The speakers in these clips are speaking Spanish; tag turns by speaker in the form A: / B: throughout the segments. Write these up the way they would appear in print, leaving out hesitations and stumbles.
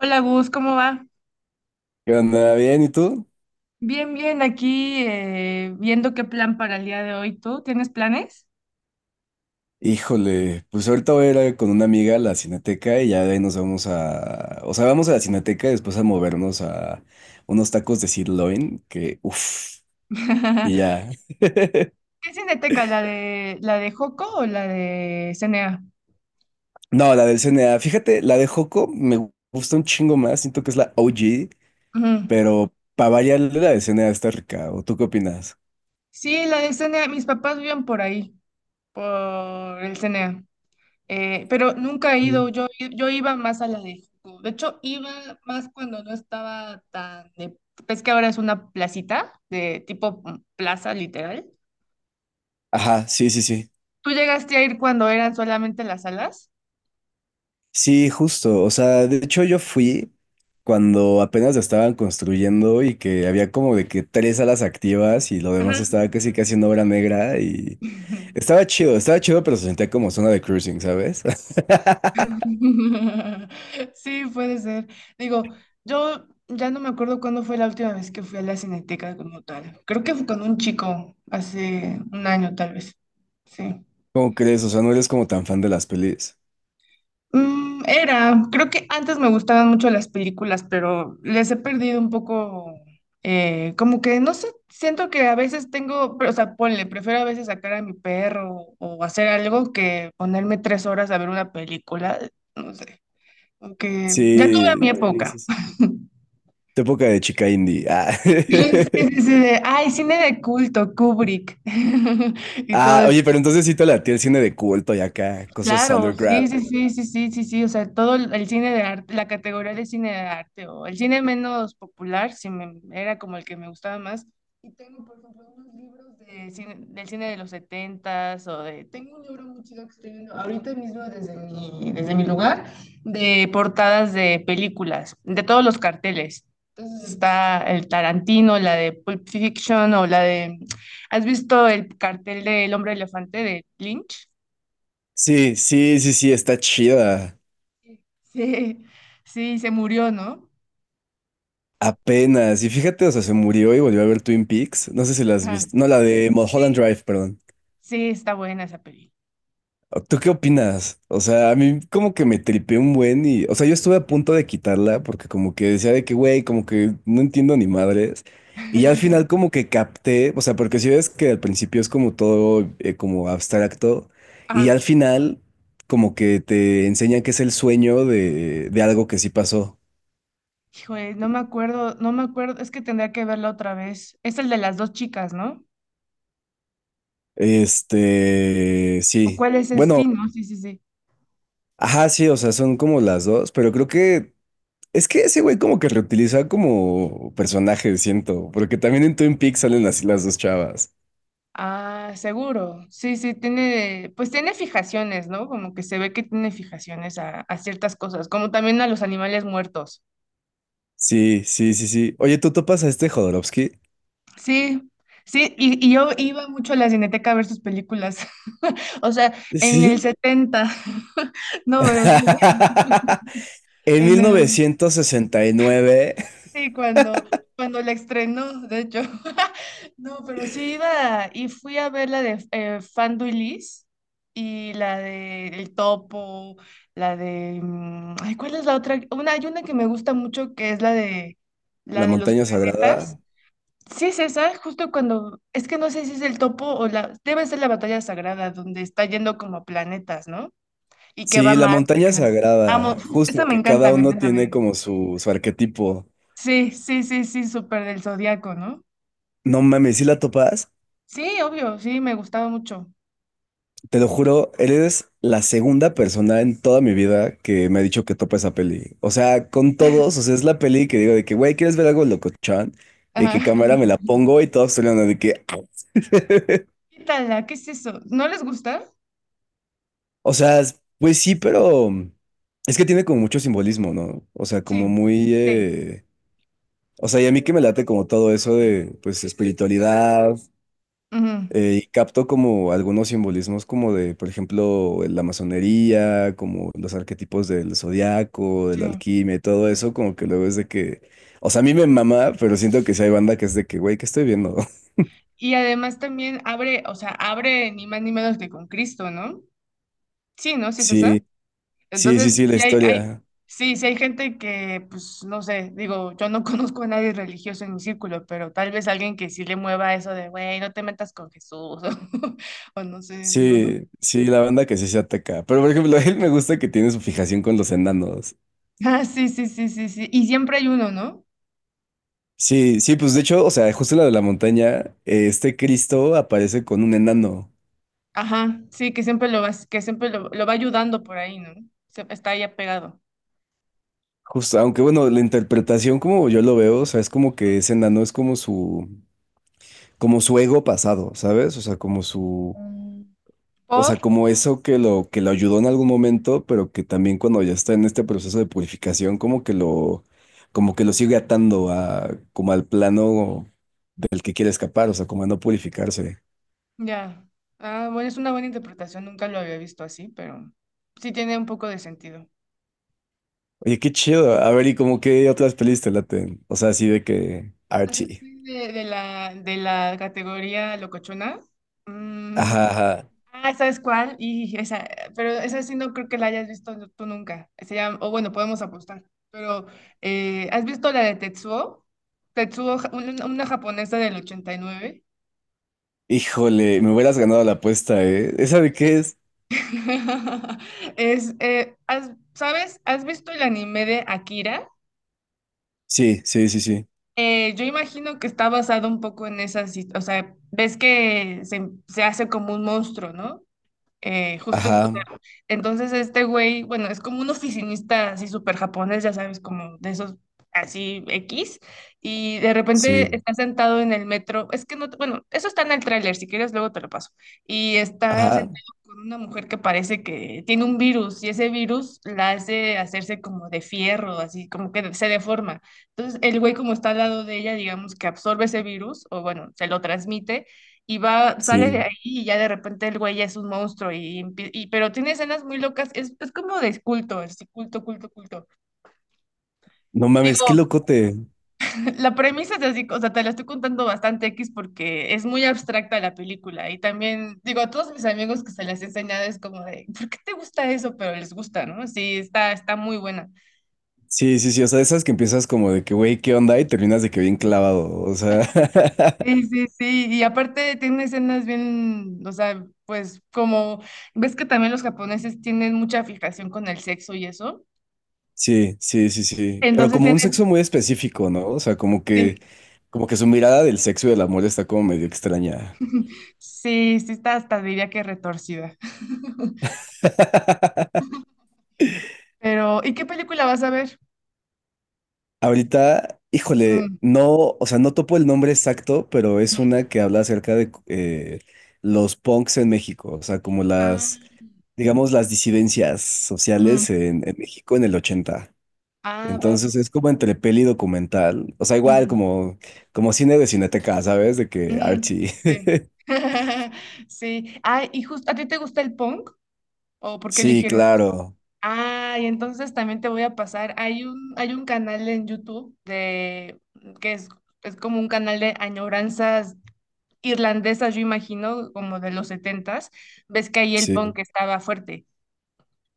A: Hola Gus, ¿cómo va?
B: ¿Qué onda? ¿Bien? ¿Y tú?
A: Bien, bien, aquí viendo qué plan para el día de hoy. ¿Tú tienes planes?
B: Híjole, pues ahorita voy a con una amiga a la Cineteca y ya de ahí nos vamos a... O sea, vamos a la Cineteca y después a movernos a unos tacos de sirloin que... Uf, y
A: ¿Qué
B: ya.
A: cineteca? ¿La de Joco o la de CNA?
B: No, la del CNA. Fíjate, la de Joco me gusta un chingo más. Siento que es la OG,
A: Ujú.
B: pero para variar la del CNA está rica. ¿O tú qué opinas?
A: Sí, la de CNA. Mis papás viven por ahí, por el CNA. Pero nunca he
B: Mm.
A: ido. Yo iba más a la de Joco. De hecho, iba más cuando no estaba tan de... Es que ahora es una placita, de tipo plaza, literal.
B: Ajá, sí, sí, sí.
A: ¿Tú llegaste a ir cuando eran solamente las salas?
B: Sí, justo. O sea, de hecho yo fui cuando apenas la estaban construyendo y que había como de que tres salas activas y lo
A: Ajá.
B: demás estaba casi casi en obra negra y estaba chido, pero se sentía como zona de cruising, ¿sabes?
A: Sí, puede ser. Digo, yo ya no me acuerdo cuándo fue la última vez que fui a la Cineteca como tal. Creo que fue con un chico hace un año tal vez. Sí.
B: ¿Cómo crees? O sea, no eres como tan fan de las pelis.
A: Era, creo que antes me gustaban mucho las películas, pero les he perdido un poco, como que no sé, siento que a veces tengo, pero, o sea, ponle, prefiero a veces sacar a mi perro o hacer algo que ponerme 3 horas a ver una película, no sé. Aunque ya tuve mi
B: Sí, sí, sí,
A: época.
B: sí. Tu época de chica indie. Ah.
A: Sí, sí, sí, de, ay, cine de culto, Kubrick y
B: Ah,
A: todo.
B: oye, pero entonces sí te latía el cine de culto y acá, cosas
A: Claro, sí,
B: underground.
A: sí, sí, sí, sí, sí, sí, o sea, todo el cine de arte, la categoría de cine de arte o el cine menos popular, sí era como el que me gustaba más. Y tengo, por ejemplo, unos libros de del cine de los setentas o de... Tengo un libro muy chido que estoy viendo ahorita mismo desde mi lugar, de portadas de películas, de todos los carteles. Entonces está el Tarantino, la de Pulp Fiction o la de... ¿Has visto el cartel del Hombre Elefante de Lynch?
B: Sí, sí, sí, sí, está chida.
A: Sí, sí, se murió, ¿no?
B: Apenas. Y fíjate, o sea, se murió y volvió a ver Twin Peaks. No sé si la has
A: Ajá. Sí.
B: visto. No, la de Mulholland
A: Sí,
B: Drive, perdón.
A: sí, está buena esa película.
B: ¿Tú qué opinas? O sea, a mí como que me tripé un buen y... O sea, yo estuve a punto de quitarla porque como que decía de que, güey, como que no entiendo ni madres. Y ya al final como que capté, o sea, porque si ves que al principio es como todo como abstracto y ya
A: Ah,
B: al final como que te enseñan que es el sueño de algo que sí pasó.
A: híjole, no me acuerdo, no me acuerdo, es que tendría que verla otra vez. Es el de las dos chicas, ¿no?
B: Este,
A: ¿O
B: sí.
A: cuál es ese? Sí,
B: Bueno.
A: ¿no? Sí, sí, sí.
B: Ajá, sí, o sea, son como las dos, pero creo que es que ese güey como que reutiliza como personaje, siento, porque también en Twin Peaks salen así las dos chavas.
A: Ah, seguro. Sí, sí, tiene, pues tiene fijaciones, ¿no? Como que se ve que tiene fijaciones a ciertas cosas, como también a los animales muertos.
B: Sí, sí, sí, sí. Oye, ¿tú topas a este Jodorowsky?
A: Sí, sí, y yo iba mucho a la Cineteca a ver sus películas. O sea, en el
B: Sí.
A: 70, no, pero sí,
B: En
A: en
B: mil
A: el,
B: novecientos sesenta y nueve
A: sí, cuando la estrenó, de hecho. No, pero sí iba y fui a ver la de Fanduilis y Liz y la de El Topo, la de, ay, ¿cuál es la otra? Una, hay una que me gusta mucho que es la de, la
B: La
A: de los
B: Montaña
A: planetas.
B: Sagrada.
A: Sí es esa, justo cuando, es que no sé si es el topo o la, debe ser la batalla sagrada donde está yendo como a planetas, ¿no? Y que va a
B: Sí, La
A: Marte.
B: Montaña
A: Ajá. Amo,
B: Sagrada,
A: uf, esa
B: justo
A: me
B: que
A: encanta,
B: cada
A: me
B: uno
A: encanta, me
B: tiene
A: encanta.
B: como su arquetipo.
A: Sí, sí, sí, sí, súper del zodiaco, ¿no?
B: No mames, ¿sí la topas?
A: Sí, obvio, sí, me gustaba mucho.
B: Te lo juro, eres la segunda persona en toda mi vida que me ha dicho que topa esa peli. O sea, con todos, o sea, es la peli que digo de que, güey, ¿quieres ver algo locochón? Y que
A: Ajá.
B: cámara me la pongo y todos hablando de que, "Ah".
A: Quítala, ¿qué es eso? ¿No les gusta?
B: O sea, pues sí, pero es que tiene como mucho simbolismo, ¿no? O sea,
A: Sí,
B: como muy,
A: sí,
B: o sea, y a mí que me late como todo eso de, pues, espiritualidad,
A: ujú,
B: y capto como algunos simbolismos como de, por ejemplo, la masonería, como los arquetipos del zodiaco, del
A: sí.
B: alquimia y todo eso, como que luego es de que, o sea, a mí me mama, pero siento que sí hay banda que es de que, güey, ¿qué estoy viendo?
A: Y además también abre, o sea, abre ni más ni menos que con Cristo, ¿no? Sí, ¿no? Sí es esa.
B: Sí, sí, sí,
A: Entonces,
B: sí, la
A: sí
B: historia.
A: sí, sí hay gente que, pues, no sé, digo, yo no conozco a nadie religioso en mi círculo, pero tal vez alguien que sí le mueva eso de, güey, no te metas con Jesús, o, no sé, digo, no.
B: Sí, sí, la banda que sí se ataca. Pero, por ejemplo, a él me gusta que tiene su fijación con los enanos.
A: Ah, sí, sí, sí, sí, sí. Y siempre hay uno, ¿no?
B: Sí, sí, pues de hecho, o sea, justo en la de la montaña, este Cristo aparece con un enano.
A: Ajá, sí, que siempre lo vas, que siempre lo va ayudando por ahí, ¿no? Está ahí apegado.
B: Justo, aunque bueno, la interpretación como yo lo veo, o sea, es como que
A: Mm.
B: ese enano es como su ego pasado, ¿sabes? O sea, como su,
A: Mm,
B: o
A: por,
B: sea, como eso que lo ayudó en algún momento, pero que también cuando ya está en este proceso de purificación, como que lo sigue atando a, como al plano del que quiere escapar, o sea, como a no purificarse.
A: ya. Ah, bueno, es una buena interpretación, nunca lo había visto así, pero sí tiene un poco de sentido.
B: Oye, qué chido. A ver, ¿y como qué otras pelis te laten? O sea, así de que
A: Así
B: Archie.
A: que de, de la categoría locochona. mm,
B: Ajá, ajá.
A: ah, ¿sabes cuál? Y esa, pero esa sí no creo que la hayas visto tú nunca. Se llama, o bueno, podemos apostar. Pero, ¿has visto la de Tetsuo? Tetsuo, una japonesa del 89.
B: Híjole, me hubieras ganado la apuesta, ¿eh? ¿Esa de qué es?
A: ¿Sabes? ¿Has visto el anime de Akira?
B: Sí, sí, sí, sí.
A: Yo imagino que está basado un poco en esa, o sea, ves que se hace como un monstruo, ¿no? Justo, o
B: Ajá,
A: sea, entonces este güey, bueno, es como un oficinista así súper japonés, ya sabes, como de esos así X, y de repente
B: sí,
A: está sentado en el metro, es que no, bueno, eso está en el tráiler, si quieres luego te lo paso, y está
B: ajá,
A: sentado con una mujer que parece que tiene un virus, y ese virus la hace hacerse como de fierro, así como que se deforma. Entonces el güey como está al lado de ella, digamos que absorbe ese virus, o bueno, se lo transmite y va, sale de ahí
B: sí.
A: y ya de repente el güey ya es un monstruo y, pero tiene escenas muy locas, es como de culto, así, culto, culto, culto.
B: No mames,
A: Digo,
B: qué locote.
A: la premisa es así, o sea, te la estoy contando bastante X porque es muy abstracta la película y también, digo, a todos mis amigos que se las he enseñado es como de, ¿por qué te gusta eso? Pero les gusta, ¿no? Sí, está muy buena.
B: Sí, sí, sí. O sea, de esas que empiezas como de que, güey, ¿qué onda? Y terminas de que bien clavado. O sea,
A: Sí, sí, sí, y aparte tiene escenas bien, o sea, pues como, ves que también los japoneses tienen mucha fijación con el sexo y eso.
B: sí, sí, sí, sí. Pero
A: Entonces,
B: como
A: en
B: un sexo muy específico, ¿no? O sea,
A: Sí,
B: como que su mirada del sexo y del amor está como medio extraña.
A: sí, sí está hasta diría que retorcida. Pero, ¿y qué película vas a ver?
B: Ahorita, híjole,
A: Mm,
B: no, o sea, no topo el nombre exacto, pero es
A: mm,
B: una que habla acerca de los punks en México. O sea, como las
A: ah,
B: digamos, las disidencias sociales
A: mm,
B: en México en el ochenta.
A: ah, va, va,
B: Entonces es como entre peli y documental, o sea, igual
A: mm,
B: como, como cine de Cineteca, ¿sabes? De que
A: mm,
B: Archie.
A: sí. Sí. Ah, y justo, ¿a ti te gusta el punk? ¿O por qué
B: Sí,
A: eligieron eso?
B: claro,
A: Ah, y entonces también te voy a pasar. Hay un canal en YouTube de que es, como un canal de añoranzas irlandesas, yo imagino, como de los setentas. Ves que ahí el
B: sí,
A: punk estaba fuerte.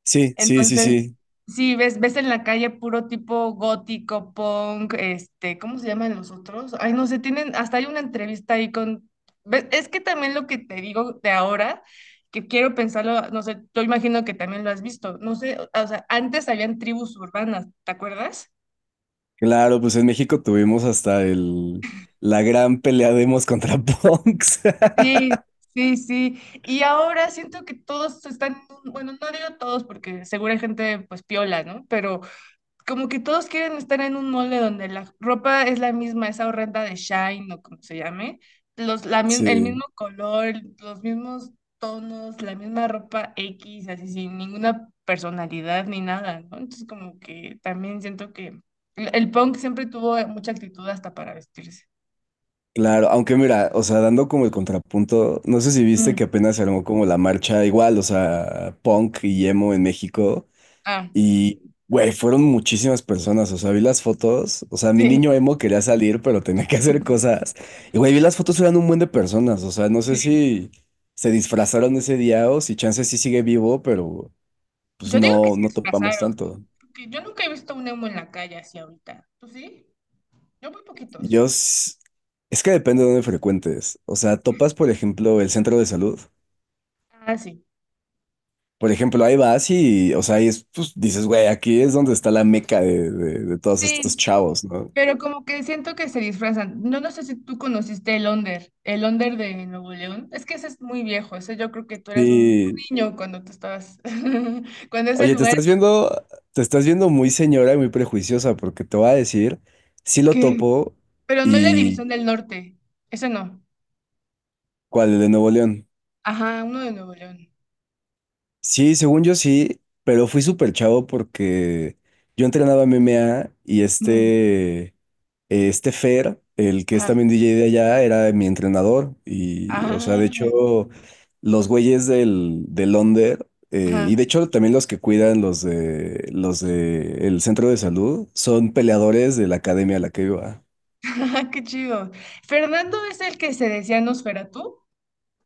B: sí, sí, sí,
A: Entonces,
B: sí.
A: sí, ves en la calle puro tipo gótico, punk, este, ¿cómo se llaman los otros? Ay, no sé, tienen, hasta hay una entrevista ahí con, es que también lo que te digo de ahora, que quiero pensarlo, no sé, yo imagino que también lo has visto, no sé, o sea, antes habían tribus urbanas, ¿te acuerdas?
B: Claro, pues en México tuvimos hasta el, la gran pelea de Emos contra Punks.
A: Sí, sí, sí. Y ahora siento que todos están, bueno, no digo todos porque seguro hay gente pues piola, ¿no? Pero como que todos quieren estar en un molde donde la ropa es la misma, esa horrenda de Shine o como se llame, el
B: Sí,
A: mismo color, los mismos tonos, la misma ropa X, así sin ninguna personalidad ni nada, ¿no? Entonces como que también siento que el punk siempre tuvo mucha actitud hasta para vestirse.
B: claro, aunque mira, o sea, dando como el contrapunto, no sé si viste que
A: Mm.
B: apenas se armó como la marcha igual, o sea, punk y emo en México.
A: Ah,
B: Y, güey, fueron muchísimas personas. O sea, vi las fotos. O sea, mi niño
A: sí,
B: emo quería salir, pero tenía que hacer cosas. Y, güey, vi las fotos, eran un buen de personas. O sea, no sé
A: sí.
B: si se disfrazaron ese día o si Chance sí sigue vivo, pero pues
A: Yo digo que
B: no,
A: se
B: no topamos
A: disfrazaron, ¿no?
B: tanto.
A: Porque yo nunca he visto un emo en la calle así ahorita. ¿Tú sí? Yo muy poquitos.
B: Yo, s- es que depende de dónde frecuentes. O sea, topas, por ejemplo, el centro de salud.
A: Ah, sí.
B: Por ejemplo, ahí vas y, o sea, ahí es, pues, dices, güey, aquí es donde está la meca de de todos estos
A: Sí,
B: chavos, ¿no?
A: pero como que siento que se disfrazan. No, no sé si tú conociste el Onder de Nuevo León. Es que ese es muy viejo. Ese yo creo que tú eras un
B: Sí,
A: niño cuando tú estabas, cuando es el
B: oye,
A: lugar
B: te estás viendo muy señora y muy prejuiciosa, porque te voy a decir, sí lo
A: que...
B: topo.
A: Pero no la
B: Y
A: División del Norte. Ese no.
B: ¿cuál? El de Nuevo León.
A: Ajá, uno de Nuevo León.
B: Sí, según yo sí, pero fui súper chavo porque yo entrenaba MMA y
A: Mm,
B: este Fer, el que es
A: ajá,
B: también DJ de allá, era mi entrenador. Y, o
A: ajá,
B: sea, de hecho, los güeyes del Onder, y
A: ajá,
B: de hecho también los que cuidan los de el centro de salud, son peleadores de la academia a la que iba.
A: ajá, qué chido. Fernando es el que se decía Nosferatu.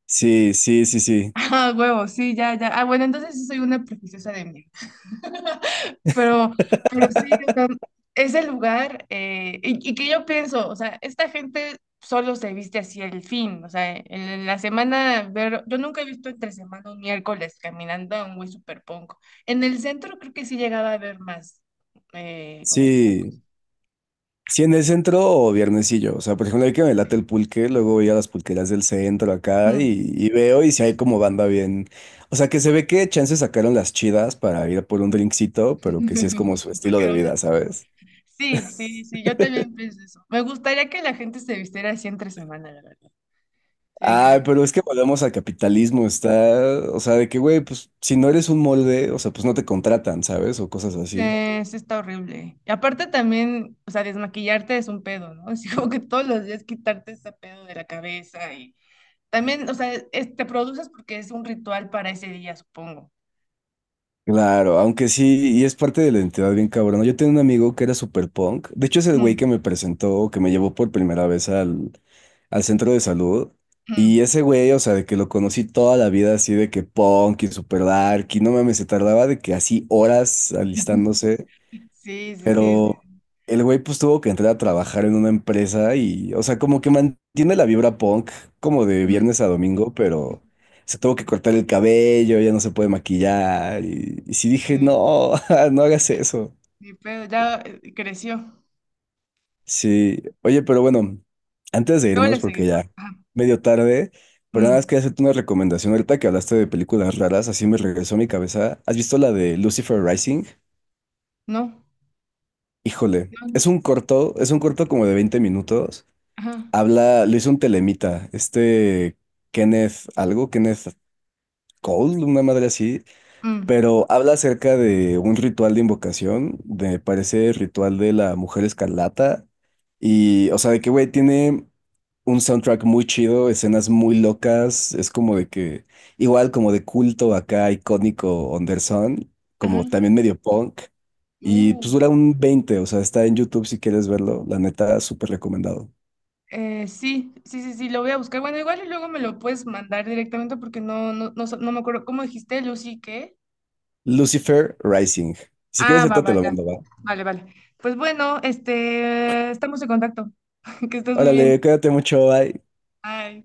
B: Sí, sí, sí, sí.
A: Ah, huevo, sí, ya, ya. Ah, bueno, entonces sí soy una prejuiciosa de mí. Pero, pero sí, o sea, ese lugar, y, que yo pienso, o sea, esta gente solo se viste así el fin, o sea, en, la semana, ver, yo nunca he visto entre semana un miércoles caminando a un güey super punk. En el centro creo que sí llegaba a ver más, como punk.
B: Sí, sí, en el centro o viernesillo. O sea, por ejemplo, hay que me late el pulque, luego voy a las pulquerías del centro acá
A: Mm.
B: y veo y si hay como banda bien. O sea, que se ve que chance sacaron las chidas para ir por un drinkcito, pero que sí es como su estilo de
A: Sacaron
B: vida,
A: las-
B: ¿sabes?
A: Sí, sí, sí, yo también pienso eso. Me gustaría que la gente se vistiera así entre semana, la verdad. Sería
B: Ay,
A: increíble.
B: pero es que volvemos al capitalismo, está. O sea, de que, güey, pues si no eres un molde, o sea, pues no te contratan, ¿sabes? O cosas
A: Sí,
B: así.
A: sí está horrible. Y aparte también, o sea, desmaquillarte es un pedo, ¿no? Es como que todos los días quitarte ese pedo de la cabeza y también, o sea, te produces porque es un ritual para ese día, supongo.
B: Claro, aunque sí, y es parte de la identidad bien cabrona. Yo tenía un amigo que era super punk. De hecho, es el güey que
A: Mm,
B: me presentó, que me llevó por primera vez al, al centro de salud.
A: mm.
B: Y ese güey, o sea, de que lo conocí toda la vida así de que punk y super dark. Y no mames, se tardaba de que así horas alistándose.
A: Sí, sí, sí, sí,
B: Pero el güey pues tuvo que entrar a trabajar en una empresa y, o sea, como que mantiene la vibra punk como de
A: mm,
B: viernes a domingo, pero se tuvo que cortar el cabello, ya no se puede maquillar. Y sí dije,
A: sí,
B: no, no hagas eso.
A: mi pedo ya creció.
B: Sí, oye, pero bueno, antes de
A: Luego le
B: irnos, porque
A: seguimos.
B: ya
A: Ajá.
B: medio tarde, pero nada más
A: Mm,
B: quería hacerte una recomendación. Ahorita que hablaste de películas raras, así me regresó a mi cabeza. ¿Has visto la de Lucifer Rising?
A: no,
B: Híjole,
A: no,
B: es un corto como de 20 minutos.
A: ajá,
B: Habla, lo hizo un telemita, este Kenneth, algo, Kenneth Cole, una madre así,
A: mm,
B: pero habla acerca de un ritual de invocación, de parece ritual de la Mujer Escarlata, y, o sea, de que, güey, tiene un soundtrack muy chido, escenas muy locas, es como de que, igual como de culto acá, icónico, Anderson,
A: ajá,
B: como también medio punk, y
A: uh.
B: pues dura un veinte, o sea, está en YouTube si quieres verlo, la neta, súper recomendado.
A: Sí, sí, sí, sí, lo voy a buscar. Bueno, igual y luego me lo puedes mandar directamente porque no me acuerdo. ¿Cómo dijiste, Lucy, qué?
B: Lucifer Rising. Si quieres,
A: Ah, va,
B: ahorita te
A: va,
B: lo
A: ya.
B: mando, va.
A: Vale, vale. Pues bueno, este, estamos en contacto. Que estés muy bien.
B: Órale, cuídate mucho, bye.
A: Bye.